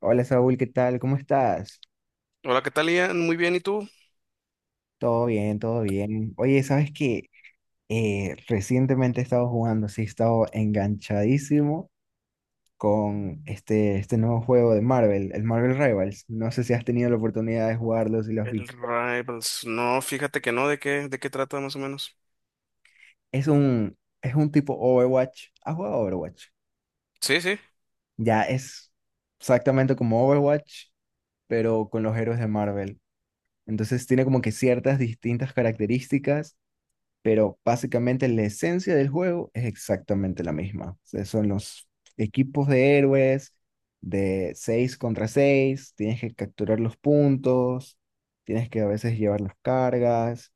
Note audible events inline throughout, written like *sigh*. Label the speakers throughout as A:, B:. A: Hola Saúl, ¿qué tal? ¿Cómo estás?
B: Hola, ¿qué tal, Ian? Muy bien, ¿y tú?
A: Todo bien, todo bien. Oye, ¿sabes qué? Recientemente he estado jugando, sí, he estado enganchadísimo con este nuevo juego de Marvel, el Marvel Rivals. No sé si has tenido la oportunidad de jugarlo, si lo has
B: El
A: visto.
B: Rivals. No, fíjate que no, de qué trata más o menos?
A: Es un tipo Overwatch. ¿Has jugado Overwatch?
B: Sí, sí.
A: Ya es exactamente como Overwatch, pero con los héroes de Marvel. Entonces tiene como que ciertas distintas características, pero básicamente la esencia del juego es exactamente la misma. O sea, son los equipos de héroes de 6 contra 6. Tienes que capturar los puntos, tienes que a veces llevar las cargas,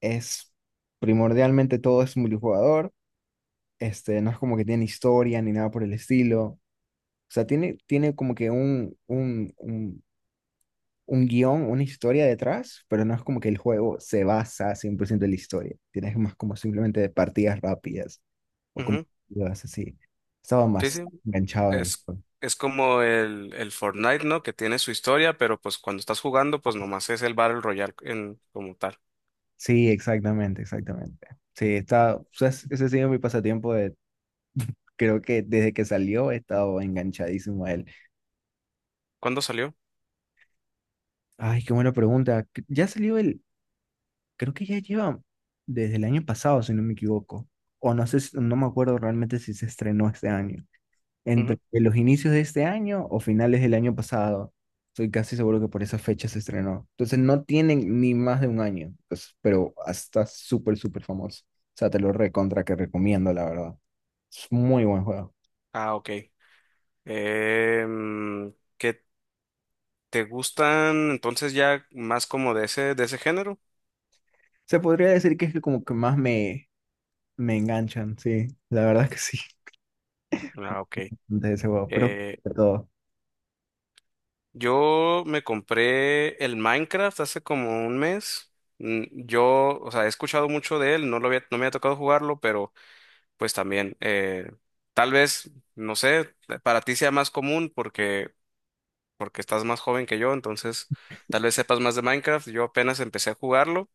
A: es primordialmente todo es multijugador. No es como que tiene historia ni nada por el estilo. O sea, tiene como que un guión, una historia detrás, pero no es como que el juego se basa 100% en la historia. Tienes más como simplemente de partidas rápidas o como
B: Ujú.
A: partidas así. Estaba
B: Sí,
A: más
B: sí.
A: enganchado en el
B: Es,
A: juego.
B: es como el Fortnite, ¿no? Que tiene su historia, pero pues cuando estás jugando, pues nomás es el Battle Royale en, como tal.
A: Sí, exactamente, exactamente. Sí, está, o sea, ese ha sido mi pasatiempo de, creo que desde que salió he estado enganchadísimo a él.
B: ¿Cuándo salió?
A: Ay, qué buena pregunta. Ya salió el, creo que ya lleva desde el año pasado, si no me equivoco. O no sé, no me acuerdo realmente si se estrenó este año, entre
B: Ujú.
A: los inicios de este año o finales del año pasado. Estoy casi seguro que por esa fecha se estrenó. Entonces no tienen ni más de un año, pues, pero está súper, súper famoso. O sea, te lo recontra que recomiendo, la verdad. Es muy buen juego.
B: Ah, ok. ¿Qué te gustan entonces ya más como de ese género?
A: Se podría decir que es el como que más me enganchan, sí. La verdad es que sí,
B: Ah, ok.
A: *laughs* de ese juego, pero
B: Eh,
A: de todo.
B: Yo me compré el Minecraft hace como un mes. Yo, o sea, he escuchado mucho de él, no lo había, no me ha tocado jugarlo, pero pues también, tal vez, no sé, para ti sea más común porque, porque estás más joven que yo, entonces tal vez sepas más de Minecraft. Yo apenas empecé a jugarlo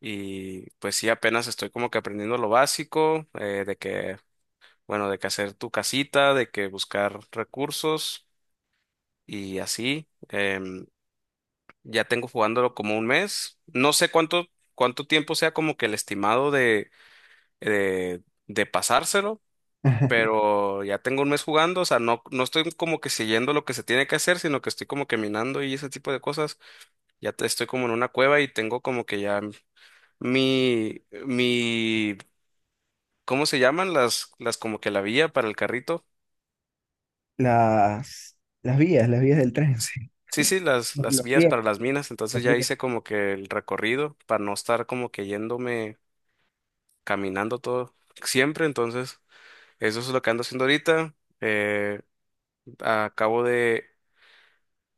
B: y pues sí, apenas estoy como que aprendiendo lo básico, de que, bueno, de que hacer tu casita, de que buscar recursos y así. Ya tengo jugándolo como un mes. No sé cuánto, cuánto tiempo sea como que el estimado de, de pasárselo,
A: *laughs*
B: pero ya tengo un mes jugando. O sea, no, no estoy como que siguiendo lo que se tiene que hacer, sino que estoy como que minando y ese tipo de cosas. Estoy como en una cueva y tengo como que ya mi, ¿cómo se llaman? Las como que la vía para el carrito.
A: Las vías, las vías del tren, *laughs* sí.
B: Sí, sí, las
A: Los
B: vías
A: pies,
B: para las minas.
A: los
B: Entonces ya
A: pies.
B: hice como que el recorrido para no estar como que yéndome caminando todo siempre, entonces eso es lo que ando haciendo ahorita. Eh, Acabo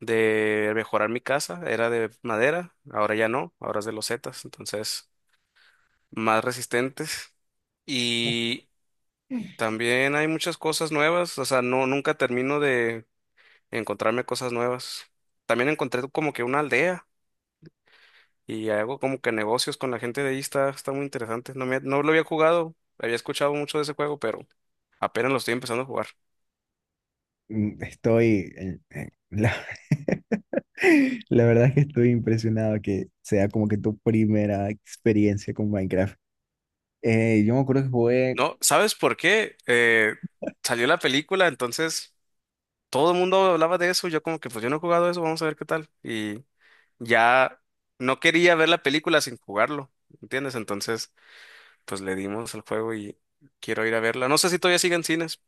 B: de mejorar mi casa, era de madera, ahora ya no, ahora es de losetas, entonces más resistentes. Y también hay muchas cosas nuevas, o sea, no, nunca termino de encontrarme cosas nuevas. También encontré como que una aldea y hago como que negocios con la gente de ahí, está, está muy interesante. No me, no lo había jugado, había escuchado mucho de ese juego, pero apenas lo estoy empezando a jugar.
A: Estoy, en- la, *laughs* la verdad es que estoy impresionado que sea como que tu primera experiencia con Minecraft. Yo me acuerdo que jugué,
B: No, ¿sabes por qué? Salió la película, entonces todo el mundo hablaba de eso. Yo como que pues yo no he jugado eso, vamos a ver qué tal. Y ya no quería ver la película sin jugarlo, ¿entiendes? Entonces pues le dimos el juego y quiero ir a verla. No sé si todavía sigue en cines,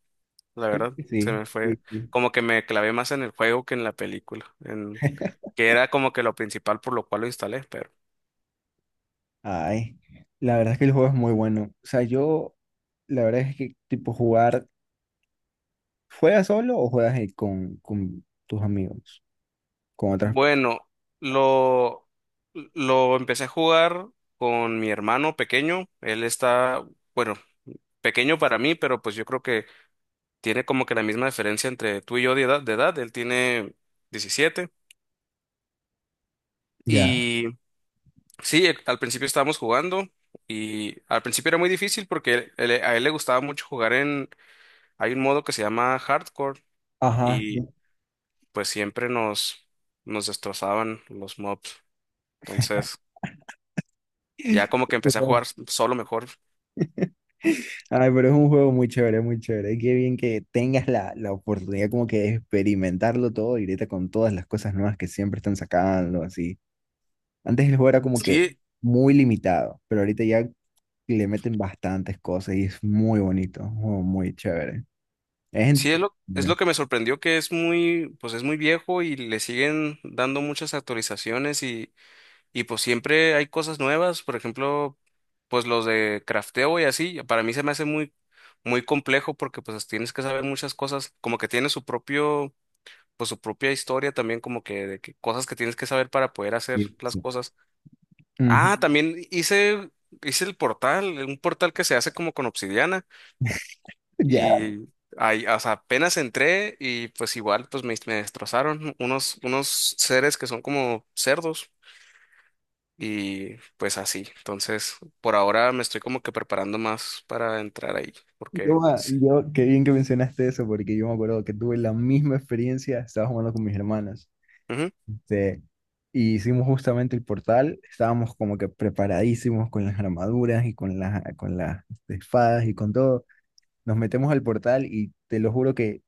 B: la
A: creo
B: verdad.
A: que
B: Se
A: sí,
B: me
A: sí,
B: fue
A: sí.
B: como que me clavé más en el juego que en la película, en
A: *laughs*
B: que era como que lo principal por lo cual lo instalé, pero...
A: Ay, la verdad es que el juego es muy bueno. O sea, la verdad es que tipo jugar, ¿juegas solo o juegas con tus amigos, con otras?
B: Bueno, lo, lo empecé a jugar con mi hermano pequeño. Él está, bueno, pequeño para mí, pero pues yo creo que tiene como que la misma diferencia entre tú y yo de edad, de edad. Él tiene 17.
A: Ya.
B: Y sí, al principio estábamos jugando y al principio era muy difícil porque a él le gustaba mucho jugar en, hay un modo que se llama Hardcore
A: Ajá.
B: y pues siempre nos, nos destrozaban los mobs. Entonces... Ya
A: *laughs*
B: como que empecé a jugar
A: Perdón.
B: solo mejor.
A: Ay, pero es un juego muy chévere, muy chévere. Y qué bien que tengas la oportunidad como que de experimentarlo todo y ahorita con todas las cosas nuevas que siempre están sacando, así. Antes el juego era como que
B: Sí,
A: muy limitado, pero ahorita ya le meten bastantes cosas y es muy bonito, un juego muy chévere. Es
B: sí es
A: entretenido.
B: lo que me sorprendió que es muy, pues es muy viejo y le siguen dando muchas actualizaciones y pues siempre hay cosas nuevas, por ejemplo, pues los de crafteo y así, para mí se me hace muy, muy complejo porque pues tienes que saber muchas cosas, como que tiene su propio, pues su propia historia también, como que, de que cosas que tienes que saber para poder hacer
A: Sí,
B: las
A: sí.
B: cosas.
A: Ujú.
B: Ah,
A: *laughs*
B: también hice, hice el portal, un portal que se hace como con obsidiana.
A: Ya,
B: Y ahí, o sea, apenas entré y pues igual pues me destrozaron unos, unos seres que son como cerdos y pues así. Entonces, por ahora me estoy como que preparando más para entrar ahí, porque sí.
A: qué bien que mencionaste eso, porque yo me acuerdo que tuve la misma experiencia, estaba jugando con mis hermanas.
B: Ujú.
A: Este, y hicimos justamente el portal, estábamos como que preparadísimos con las armaduras y con las espadas y con todo. Nos metemos al portal y te lo juro que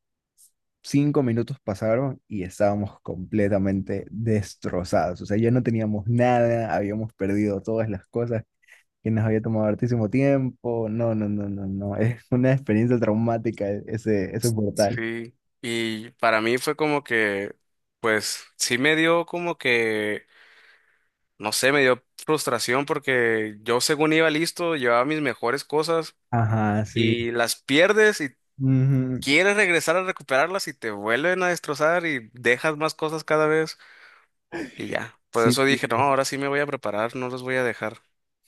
A: 5 minutos pasaron y estábamos completamente destrozados. O sea, ya no teníamos nada, habíamos perdido todas las cosas que nos había tomado hartísimo tiempo. No, no, no, no, no. Es una experiencia traumática, ese portal.
B: Sí, y para mí fue como que, pues sí me dio como que, no sé, me dio frustración porque yo según iba listo, llevaba mis mejores cosas
A: Ajá, sí.
B: y las pierdes y
A: Ujú.
B: quieres regresar a recuperarlas y te vuelven a destrozar y dejas más cosas cada vez y ya. Por
A: Sí,
B: eso dije, no,
A: sí.
B: ahora sí me voy a preparar, no los voy a dejar.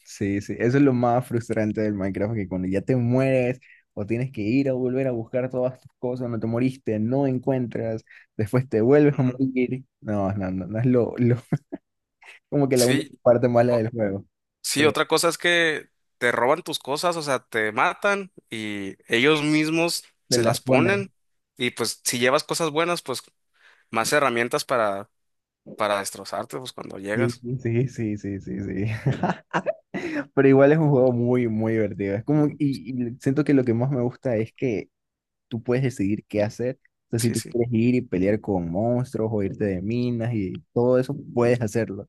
A: Sí, sí, eso es lo más frustrante del Minecraft, que cuando ya te mueres o tienes que ir a volver a buscar todas tus cosas, no te moriste, no encuentras, después te vuelves a
B: Ujú.
A: morir. No, no, no, no es *laughs* como que la única
B: Sí,
A: parte mala
B: o-
A: del juego,
B: sí,
A: pero
B: otra cosa es que te roban tus cosas, o sea, te matan y ellos mismos
A: te
B: se
A: las
B: las
A: pones.
B: ponen y pues si llevas cosas buenas, pues más herramientas para destrozarte, pues cuando
A: Sí,
B: llegas.
A: sí, sí, sí, sí, sí. *laughs* Pero igual es un juego muy, muy divertido. Es como, y siento que lo que más me gusta es que tú puedes decidir qué hacer. O sea, si
B: Sí,
A: tú
B: sí,
A: quieres ir y pelear con monstruos o irte de minas y todo eso, puedes hacerlo.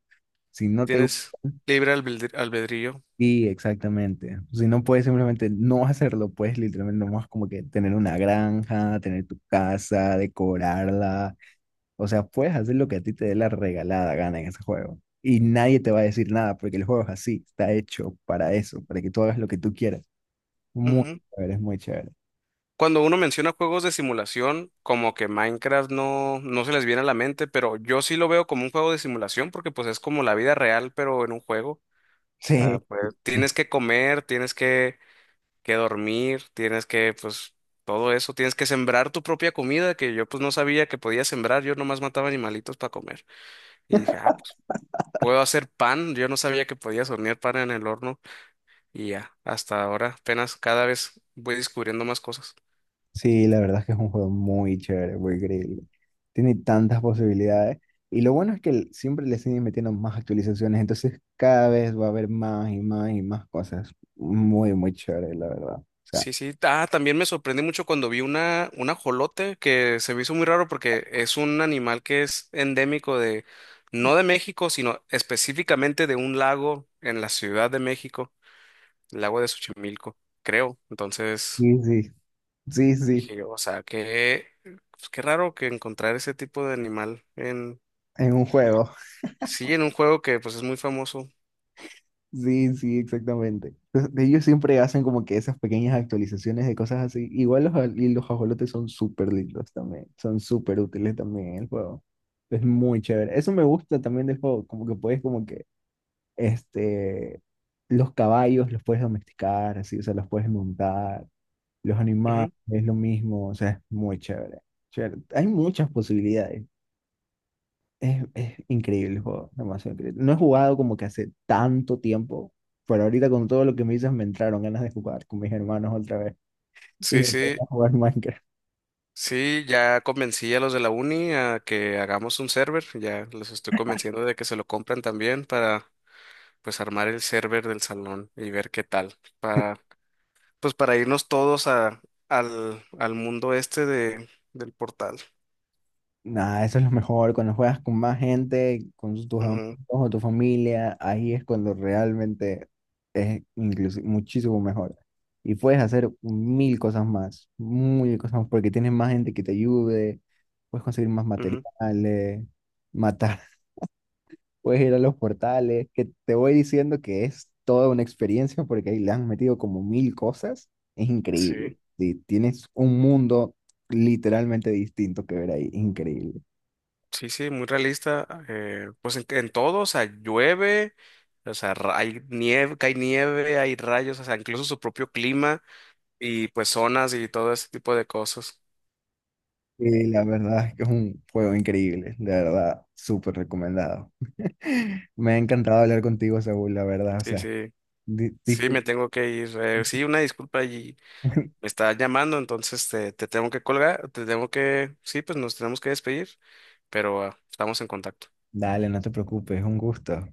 A: Si no te
B: tienes albedrío.
A: Sí, exactamente. Si no puedes simplemente no hacerlo, puedes literalmente nomás como que tener una granja, tener tu casa, decorarla. O sea, puedes hacer lo que a ti te dé la regalada gana en ese juego. Y nadie te va a decir nada porque el juego es así, está hecho para eso, para que tú hagas lo que tú quieras. Muy chévere, es muy chévere.
B: Cuando uno menciona juegos de simulación, como que Minecraft no, no se les viene a la mente, pero yo sí lo veo como un juego de simulación porque pues es como la vida real, pero en un juego. O sea,
A: *laughs* Sí.
B: pues tienes que comer, tienes que dormir, tienes que, pues, todo eso, tienes que sembrar tu propia comida, que yo pues no sabía que podía sembrar, yo nomás mataba animalitos para comer. Y dije, ah, pues puedo hacer pan, yo no sabía que podías hornear pan en el horno y ya, hasta ahora apenas cada vez voy descubriendo más cosas.
A: Sí, la verdad es que es un juego muy chévere, muy increíble. Tiene tantas posibilidades. Y lo bueno es que siempre le siguen metiendo más actualizaciones, entonces cada vez va a haber más y más y más cosas. Muy, muy chévere, la verdad. O sea,
B: Sí, sí. Ah, también me sorprendí mucho cuando vi una, un ajolote que se me hizo muy raro porque es un animal que es endémico de, no de México, sino específicamente de un lago en la Ciudad de México, el lago de Xochimilco, creo. Entonces
A: sí, sí, sí, sí,
B: dije yo, o sea, que pues, qué raro que encontrar ese tipo de animal en,
A: en un juego. *laughs*
B: sí, en un juego que pues es muy famoso.
A: Sí, sí, exactamente. Entonces, ellos siempre hacen como que esas pequeñas actualizaciones de cosas así. Igual los, aj- y los ajolotes son súper lindos también, son súper útiles también en el juego. Es muy chévere. Eso me gusta también del juego, como que puedes Este, los caballos los puedes domesticar, así, o sea, los puedes montar. Los animales
B: Ujú.
A: es lo mismo, o sea, es muy chévere. Chévere. Hay muchas posibilidades. Es increíble el juego, demasiado increíble. No he jugado como que hace tanto tiempo, pero ahorita con todo lo que me dices me entraron ganas de jugar con mis hermanos otra vez y
B: Sí,
A: me voy
B: sí.
A: a jugar Minecraft.
B: Sí, ya convencí a los de la uni a que hagamos un server, ya los estoy convenciendo de que se lo compren también para pues armar el server del salón y ver qué tal, para pues para irnos todos a, al, al mundo este de, del portal.
A: Nada, eso es lo mejor. Cuando juegas con más gente, con tus amigos
B: Ujú,
A: o tu familia, ahí es cuando realmente es incluso muchísimo mejor. Y puedes hacer mil cosas más, porque tienes más gente que te ayude, puedes conseguir más
B: ujú.
A: materiales, matar, *laughs* puedes ir a los portales, que te voy diciendo que es toda una experiencia porque ahí le han metido como mil cosas. Es increíble.
B: Sí,
A: Sí, tienes un mundo literalmente distinto que ver ahí, increíble.
B: sí, sí, muy realista. Pues en todo, o sea, llueve, o sea, hay nieve, cae nieve, hay rayos, o sea, incluso su propio clima y pues zonas y todo ese tipo de cosas.
A: Y la verdad es que es un juego increíble, de verdad, súper recomendado. *laughs* Me ha encantado hablar contigo, Saúl, la verdad, o
B: Sí,
A: sea,
B: sí.
A: di-
B: Sí,
A: discul-
B: me tengo que ir. Sí, una disculpa y
A: *laughs*
B: me está llamando, entonces te tengo que colgar, te tengo que, sí, pues nos tenemos que despedir, pero ah, estamos en contacto.
A: Dale, no te preocupes, es un gusto.